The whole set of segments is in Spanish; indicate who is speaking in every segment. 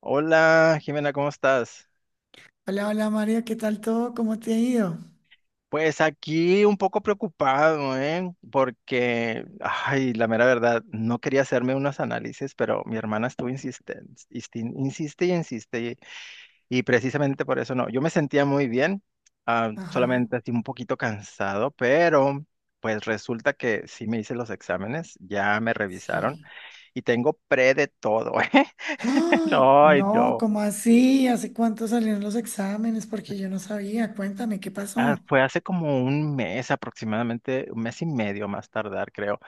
Speaker 1: Hola, Jimena, ¿cómo estás?
Speaker 2: Hola, hola María, ¿qué tal todo? ¿Cómo te ha ido?
Speaker 1: Pues aquí un poco preocupado, ¿eh? Porque, ay, la mera verdad, no quería hacerme unos análisis, pero mi hermana estuvo insistente, insiste y insiste, y precisamente por eso no. Yo me sentía muy bien,
Speaker 2: Ajá,
Speaker 1: solamente así un poquito cansado, pero pues resulta que sí me hice los exámenes, ya me revisaron
Speaker 2: sí.
Speaker 1: y tengo pre de todo, ¿eh?
Speaker 2: Ay,
Speaker 1: No, ay,
Speaker 2: no,
Speaker 1: no.
Speaker 2: ¿cómo así? ¿Hace cuánto salieron los exámenes? Porque yo no sabía. Cuéntame, ¿qué pasó?
Speaker 1: Fue hace como un mes aproximadamente, un mes y medio más tardar, creo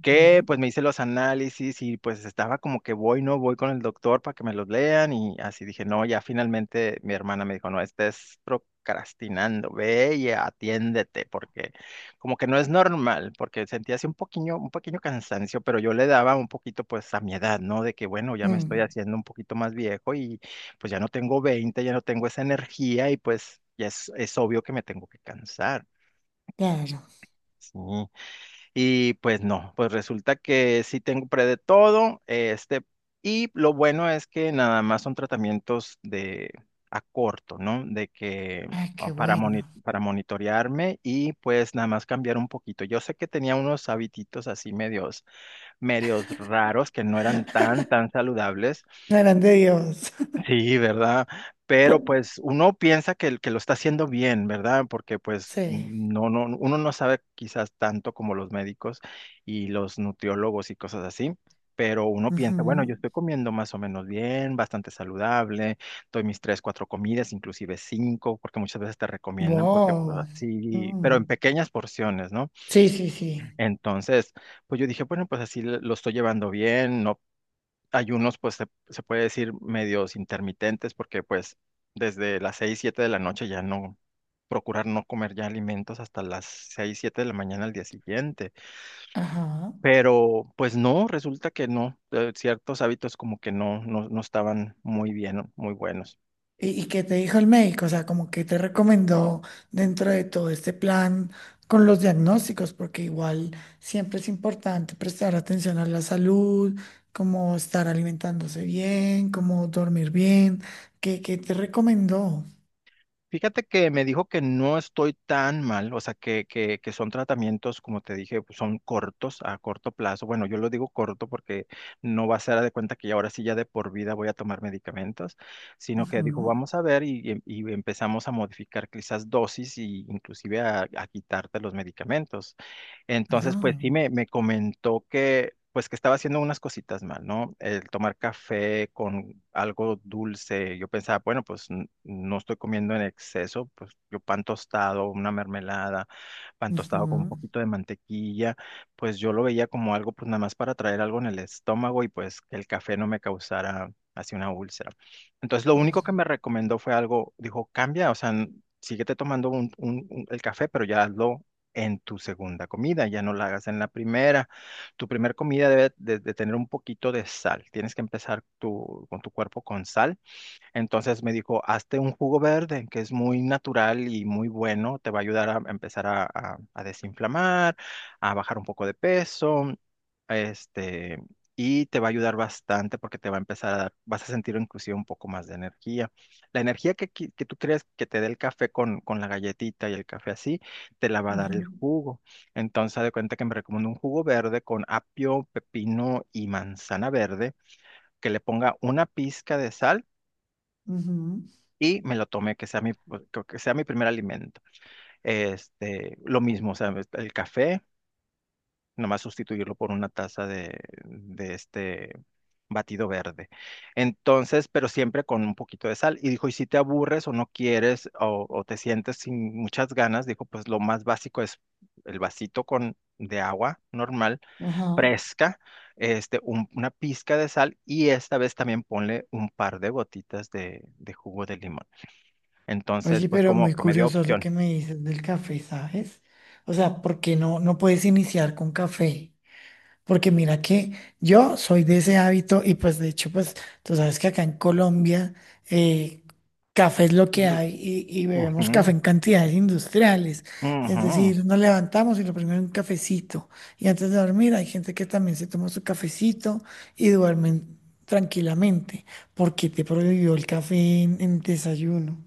Speaker 1: que
Speaker 2: Ujú.
Speaker 1: pues me hice los análisis y pues estaba como que voy, no voy con el doctor para que me los lean y así dije, no, ya finalmente mi hermana me dijo, no, estés procrastinando, ve y atiéndete porque como que no es normal, porque sentía así un pequeño cansancio, pero yo le daba un poquito pues a mi edad, ¿no? De que bueno, ya me estoy
Speaker 2: Mm,
Speaker 1: haciendo un poquito más viejo y pues ya no tengo 20 ya no tengo esa energía y pues ya es obvio que me tengo que cansar.
Speaker 2: claro.
Speaker 1: Sí. Y pues no, pues resulta que sí tengo pre de todo, este, y lo bueno es que nada más son tratamientos de a corto, ¿no? De que
Speaker 2: Ay, qué bueno.
Speaker 1: para monitorearme y pues nada más cambiar un poquito. Yo sé que tenía unos habititos así medios raros que no eran tan, tan saludables.
Speaker 2: No eran de Dios.
Speaker 1: Sí, ¿verdad? Pero pues uno piensa que, el que lo está haciendo bien, ¿verdad? Porque pues
Speaker 2: Sí.
Speaker 1: no, no, uno no sabe quizás tanto como los médicos y los nutriólogos y cosas así, pero uno piensa, bueno,
Speaker 2: Ujú.
Speaker 1: yo estoy comiendo más o menos bien, bastante saludable, doy mis tres, cuatro comidas, inclusive cinco, porque muchas veces te recomiendan, porque pues
Speaker 2: Wow.
Speaker 1: así, pero en
Speaker 2: Mm.
Speaker 1: pequeñas porciones, ¿no?
Speaker 2: Sí, sí, sí.
Speaker 1: Entonces, pues yo dije, bueno, pues así lo estoy llevando bien, no ayunos, pues se puede decir medios intermitentes, porque pues desde las 6 7 de la noche ya no, procurar no comer ya alimentos hasta las 6 7 de la mañana al día siguiente.
Speaker 2: Ajá.
Speaker 1: Pero pues no, resulta que no, ciertos hábitos como que no estaban muy bien, muy buenos.
Speaker 2: Y qué te dijo el médico? O sea, como que te recomendó dentro de todo este plan con los diagnósticos, porque igual siempre es importante prestar atención a la salud, como estar alimentándose bien, como dormir bien. ¿Qué, qué te recomendó?
Speaker 1: Fíjate que me dijo que no estoy tan mal, o sea, que son tratamientos, como te dije, pues, son cortos, a corto plazo. Bueno, yo lo digo corto porque no va a ser haz de cuenta que ya ahora sí ya de por vida voy a tomar medicamentos, sino que dijo,
Speaker 2: Ujú.
Speaker 1: vamos a ver y empezamos a modificar quizás dosis y inclusive a quitarte los medicamentos. Entonces, pues sí
Speaker 2: No.
Speaker 1: me comentó que, pues que estaba haciendo unas cositas mal, ¿no? El tomar café con algo dulce. Yo pensaba, bueno, pues no estoy comiendo en exceso, pues yo pan tostado, una mermelada, pan tostado con un
Speaker 2: Ujú.
Speaker 1: poquito de mantequilla, pues yo lo veía como algo, pues nada más para traer algo en el estómago y pues que el café no me causara así una úlcera. Entonces, lo
Speaker 2: Claro.
Speaker 1: único que me recomendó fue algo, dijo, cambia, o sea, síguete tomando el café, pero ya hazlo en tu segunda comida, ya no la hagas en la primera. Tu primera comida debe de tener un poquito de sal. Tienes que empezar tu, con tu cuerpo con sal entonces me dijo, hazte un jugo verde, que es muy natural y muy bueno, te va a ayudar a empezar a desinflamar, a bajar un poco de peso, este, y te va a ayudar bastante porque te va a empezar a dar, vas a sentir inclusive un poco más de energía. La energía que tú crees que te dé el café con la galletita y el café así, te la va a dar el
Speaker 2: Ujú.
Speaker 1: jugo. Entonces, haz de cuenta que me recomiendo un jugo verde con apio, pepino y manzana verde, que le ponga una pizca de sal
Speaker 2: Ujú.
Speaker 1: y me lo tomé, que sea mi primer alimento. Este, lo mismo, o sea, el café, nomás sustituirlo por una taza de este batido verde. Entonces, pero siempre con un poquito de sal. Y dijo, y si te aburres o no quieres o te sientes sin muchas ganas, dijo, pues lo más básico es el vasito con de agua normal,
Speaker 2: Ajá.
Speaker 1: fresca, este, una pizca de sal y esta vez también ponle un par de gotitas de jugo de limón. Entonces,
Speaker 2: Oye,
Speaker 1: pues
Speaker 2: pero
Speaker 1: como
Speaker 2: muy
Speaker 1: que me dio
Speaker 2: curioso lo
Speaker 1: opción.
Speaker 2: que me dices del café, ¿sabes? O sea, ¿por qué no, no puedes iniciar con café? Porque mira que yo soy de ese hábito y pues de hecho pues tú sabes que acá en Colombia eh, café es lo que
Speaker 1: Ujú,
Speaker 2: hay y bebemos café en cantidades industriales. Es
Speaker 1: ujú,
Speaker 2: decir, nos levantamos y lo primero es un cafecito. Y antes de dormir hay gente que también se toma su cafecito y duermen tranquilamente. ¿Porque te prohibió el café en desayuno?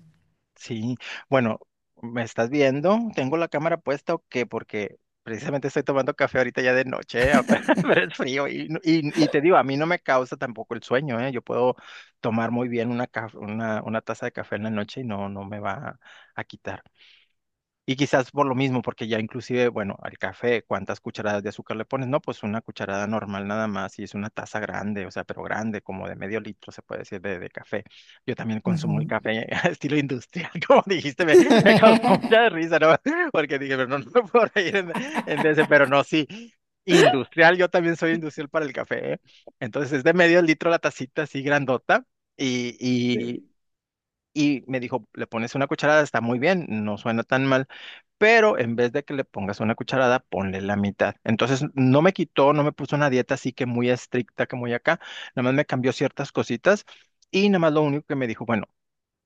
Speaker 1: sí, bueno, ¿me estás viendo? ¿Tengo la cámara puesta o qué? Porque precisamente estoy tomando café ahorita ya de noche, pero es frío te digo, a mí no me causa tampoco el sueño, ¿eh? Yo puedo tomar muy bien una taza de café en la noche y no, no me va a quitar. Y quizás por lo mismo, porque ya inclusive, bueno, al café, ¿cuántas cucharadas de azúcar le pones? No, pues una cucharada normal nada más y es una taza grande, o sea, pero grande, como de medio litro, se puede decir, de café. Yo también consumo el
Speaker 2: Ujú.
Speaker 1: café a estilo industrial, como dijiste, me causó mucha risa, ¿no? Porque dije, pero no, no me puedo reír pero no, sí, industrial, yo también soy industrial para el café, ¿eh? Entonces es de medio litro la tacita así grandota y, y, y me dijo, le pones una cucharada, está muy bien, no suena tan mal pero en vez de que le pongas una cucharada, ponle la mitad. Entonces, no me quitó, no me puso una dieta así que muy estricta, que muy acá, nada más me cambió ciertas cositas y nada más lo único que me dijo, bueno,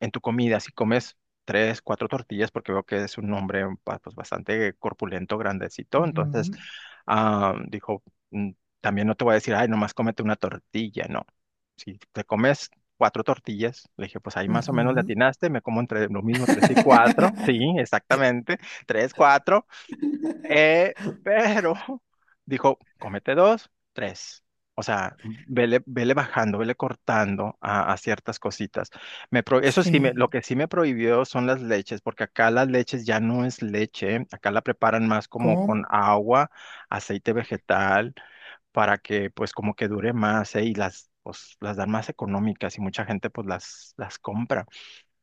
Speaker 1: en tu comida, si comes tres, cuatro tortillas, porque veo que es un hombre pues, bastante corpulento, grandecito, entonces
Speaker 2: Ujú,
Speaker 1: dijo, "Mm, también no te voy a decir, ay, nomás cómete una tortilla, no. Si te comes cuatro tortillas, le dije, pues ahí más o menos le
Speaker 2: ujú.
Speaker 1: atinaste, me como entre lo mismo tres y cuatro, sí, exactamente, tres, cuatro, eh, pero dijo, cómete dos, tres. O sea, vele, vele bajando, vele cortando a ciertas cositas. Eso sí,
Speaker 2: Sí,
Speaker 1: lo que sí me prohibió son las leches, porque acá las leches ya no es leche, acá la preparan más como
Speaker 2: ¿cómo?
Speaker 1: con agua, aceite vegetal, para que pues como que dure más, ¿eh? Y las, pues, las dan más económicas y mucha gente pues las compra.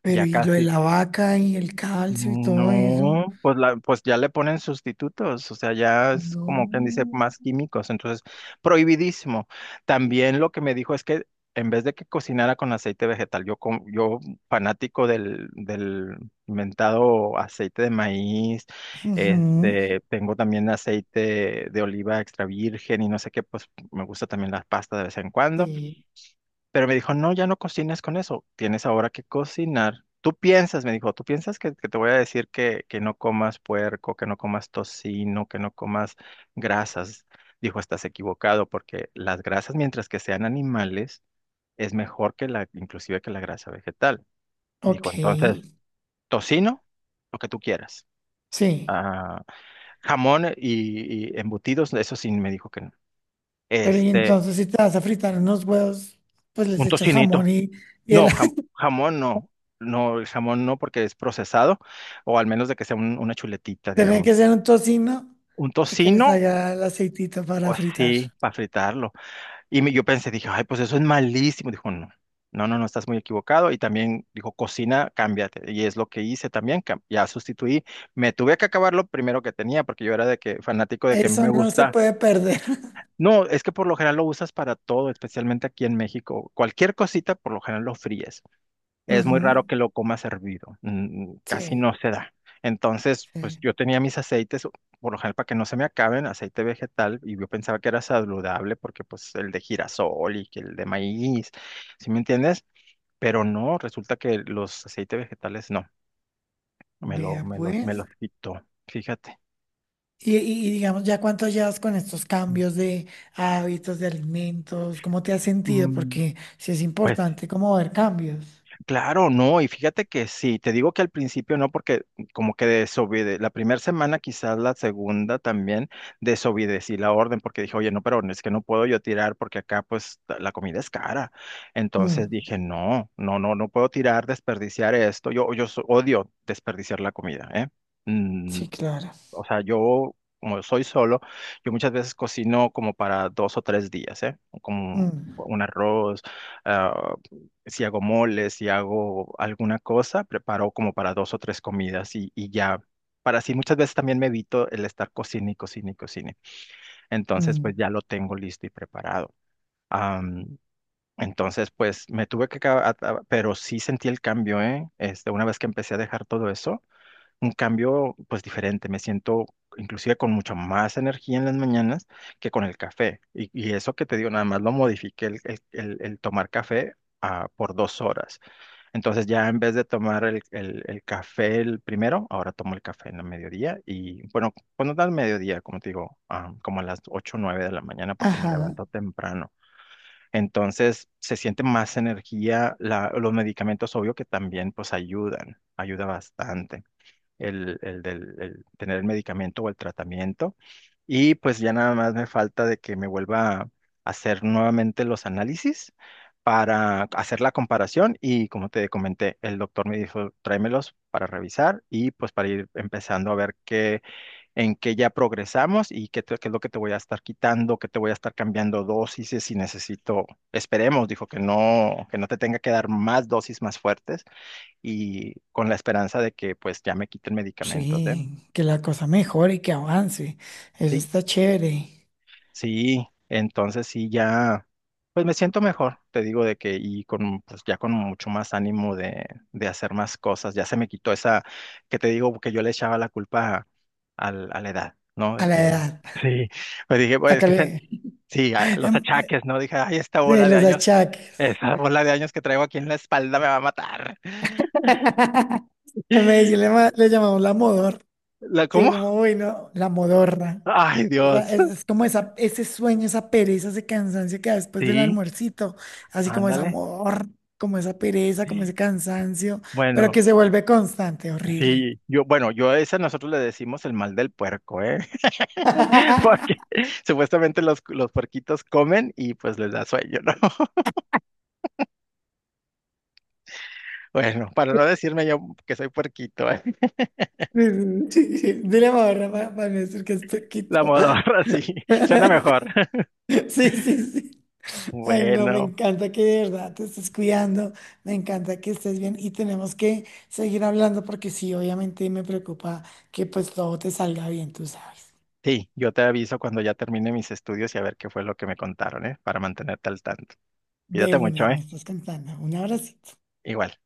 Speaker 2: Pero
Speaker 1: Ya
Speaker 2: y lo de
Speaker 1: casi.
Speaker 2: la vaca y el calcio y todo eso.
Speaker 1: No, pues pues ya le ponen sustitutos, o sea, ya es como
Speaker 2: No.
Speaker 1: quien dice más químicos, entonces prohibidísimo. También lo que me dijo es que en vez de que cocinara con aceite vegetal, yo fanático del inventado aceite de maíz,
Speaker 2: Ujú.
Speaker 1: este, tengo también aceite de oliva extra virgen y no sé qué, pues me gusta también la pasta de vez en cuando.
Speaker 2: Sí.
Speaker 1: Pero me dijo, no, ya no cocinas con eso, tienes ahora que cocinar. Tú piensas, me dijo, tú piensas que te voy a decir que no comas puerco, que no comas tocino, que no comas grasas. Dijo, estás equivocado porque las grasas, mientras que sean animales, es mejor que la, inclusive que la grasa vegetal. Dijo,
Speaker 2: Ok.
Speaker 1: entonces, tocino, lo que tú quieras.
Speaker 2: Sí.
Speaker 1: Ah, jamón y embutidos, eso sí me dijo que no.
Speaker 2: Pero y
Speaker 1: Este,
Speaker 2: entonces si te vas a fritar unos huevos, pues les
Speaker 1: un
Speaker 2: echas jamón
Speaker 1: tocinito.
Speaker 2: y el,
Speaker 1: No, jamón no. No, el jamón no porque es procesado, o al menos de que sea una chuletita,
Speaker 2: tiene
Speaker 1: digamos.
Speaker 2: que ser un tocino
Speaker 1: Un
Speaker 2: y que les
Speaker 1: tocino,
Speaker 2: haga el aceitito para
Speaker 1: o
Speaker 2: fritar.
Speaker 1: sí, para fritarlo. Y yo pensé, dije, ay, pues eso es malísimo. Dijo, no, no, no, no, estás muy equivocado. Y también dijo, cocina, cámbiate. Y es lo que hice también, ya sustituí. Me tuve que acabar lo primero que tenía, porque yo era de que fanático de que me
Speaker 2: Eso no se
Speaker 1: gusta.
Speaker 2: puede perder.
Speaker 1: No, es que por lo general lo usas para todo, especialmente aquí en México. Cualquier cosita, por lo general lo fríes. Es muy
Speaker 2: Ujú.
Speaker 1: raro que lo coma servido, casi no
Speaker 2: Sí.
Speaker 1: se da. Entonces, pues
Speaker 2: Sí.
Speaker 1: yo tenía mis aceites, por lo general para que no se me acaben, aceite vegetal, y yo pensaba que era saludable porque pues el de girasol y que el de maíz, ¿sí me entiendes? Pero no, resulta que los aceites vegetales no,
Speaker 2: Vea
Speaker 1: me
Speaker 2: pues.
Speaker 1: los quitó, fíjate.
Speaker 2: Y, y digamos, ¿ya cuánto llevas con estos cambios de hábitos, de alimentos? ¿Cómo te has sentido?
Speaker 1: Mm,
Speaker 2: Porque sí es
Speaker 1: Pues
Speaker 2: importante como ver cambios.
Speaker 1: claro, no, y fíjate que sí, te digo que al principio no, porque como que desobede, la primera semana, quizás la segunda también, desobedecí la orden porque dije, oye, no, pero es que no puedo yo tirar porque acá pues la comida es cara. Entonces
Speaker 2: Mm,
Speaker 1: dije, no, no, no, no puedo tirar, desperdiciar esto. Odio desperdiciar la comida, ¿eh?
Speaker 2: sí, claro.
Speaker 1: O sea, yo, como soy solo, yo muchas veces cocino como para dos o tres días, ¿eh? Como
Speaker 2: Mm,
Speaker 1: un arroz, ah, si hago moles, si hago alguna cosa, preparo como para dos o tres comidas y ya. Para así muchas veces también me evito el estar cocine y cocine y cocine. Entonces,
Speaker 2: mm,
Speaker 1: pues ya lo tengo listo y preparado. Am, entonces, pues me tuve que, pero sí sentí el cambio, ¿eh? Este, una vez que empecé a dejar todo eso un cambio pues diferente. Me siento inclusive con mucha más energía en las mañanas que con el café. Y eso que te digo, nada más lo modifiqué el tomar café por dos horas. Entonces ya en vez de tomar el café el primero, ahora tomo el café en la mediodía. Y bueno, cuando da el mediodía, como te digo, como a las 8 o 9 de la mañana porque me
Speaker 2: ajá.
Speaker 1: levanto temprano. Entonces se siente más energía, los medicamentos obvio que también pues ayudan, ayuda bastante el del- el tener el medicamento o el tratamiento. Y pues ya nada más me falta de que me vuelva a hacer nuevamente los análisis para hacer la comparación y como te comenté, el doctor me dijo, tráemelos para revisar y pues para ir empezando a ver qué, en qué ya progresamos y qué, qué es lo que te voy a estar quitando, qué te voy a estar cambiando dosis si necesito, esperemos, dijo que no te tenga que dar más dosis más fuertes y con la esperanza de que pues ya me quiten medicamentos, ¿eh?
Speaker 2: Sí, que la cosa mejore y que avance. Eso
Speaker 1: Sí,
Speaker 2: está chévere.
Speaker 1: sí, entonces sí, ya, pues me siento mejor, te digo de que y con, pues ya con mucho más ánimo de hacer más cosas, ya se me quitó esa, que te digo que yo le echaba la culpa a la edad, ¿no? De
Speaker 2: A la
Speaker 1: que,
Speaker 2: edad.
Speaker 1: sí, pues dije, bueno, es
Speaker 2: Acá
Speaker 1: que
Speaker 2: le...
Speaker 1: sí, los
Speaker 2: em, eh,
Speaker 1: achaques, ¿no? Dije, ay, esta
Speaker 2: De
Speaker 1: bola de
Speaker 2: los
Speaker 1: años,
Speaker 2: achaques.
Speaker 1: esa bola de años que traigo aquí en la espalda me va a matar.
Speaker 2: En Medellín le, le llamamos la modorra.
Speaker 1: ¿La
Speaker 2: Que
Speaker 1: cómo?
Speaker 2: como bueno, la modorra.
Speaker 1: Ay,
Speaker 2: Esa-
Speaker 1: Dios.
Speaker 2: es, es como esa, ese sueño, esa pereza, ese cansancio que da después del
Speaker 1: Sí.
Speaker 2: almuercito, así como esa
Speaker 1: Ándale.
Speaker 2: amor, como esa pereza, como ese cansancio, pero que
Speaker 1: Bueno,
Speaker 2: se vuelve constante, horrible.
Speaker 1: sí, yo, bueno, yo a ese nosotros le decimos el mal del puerco, ¿eh? Porque supuestamente los puerquitos comen y pues les da sueño, ¿no? Bueno, para no decirme yo que soy puerquito, ¿eh?
Speaker 2: Sí, sí, sí, dile modorra para, no decir que es
Speaker 1: La
Speaker 2: poquito.
Speaker 1: modorra, sí, suena mejor.
Speaker 2: Sí, sí, sí. Ay, no, me
Speaker 1: Bueno,
Speaker 2: encanta que de verdad te estés cuidando, me encanta que estés bien y tenemos que seguir hablando porque sí, obviamente me preocupa que pues todo te salga bien, tú sabes.
Speaker 1: sí, yo te aviso cuando ya termine mis estudios y a ver qué fue lo que me contaron, ¿eh? Para mantenerte al tanto.
Speaker 2: De
Speaker 1: Cuídate
Speaker 2: una,
Speaker 1: mucho,
Speaker 2: me
Speaker 1: ¿eh?
Speaker 2: estás cantando. Un abrazo.
Speaker 1: Igual.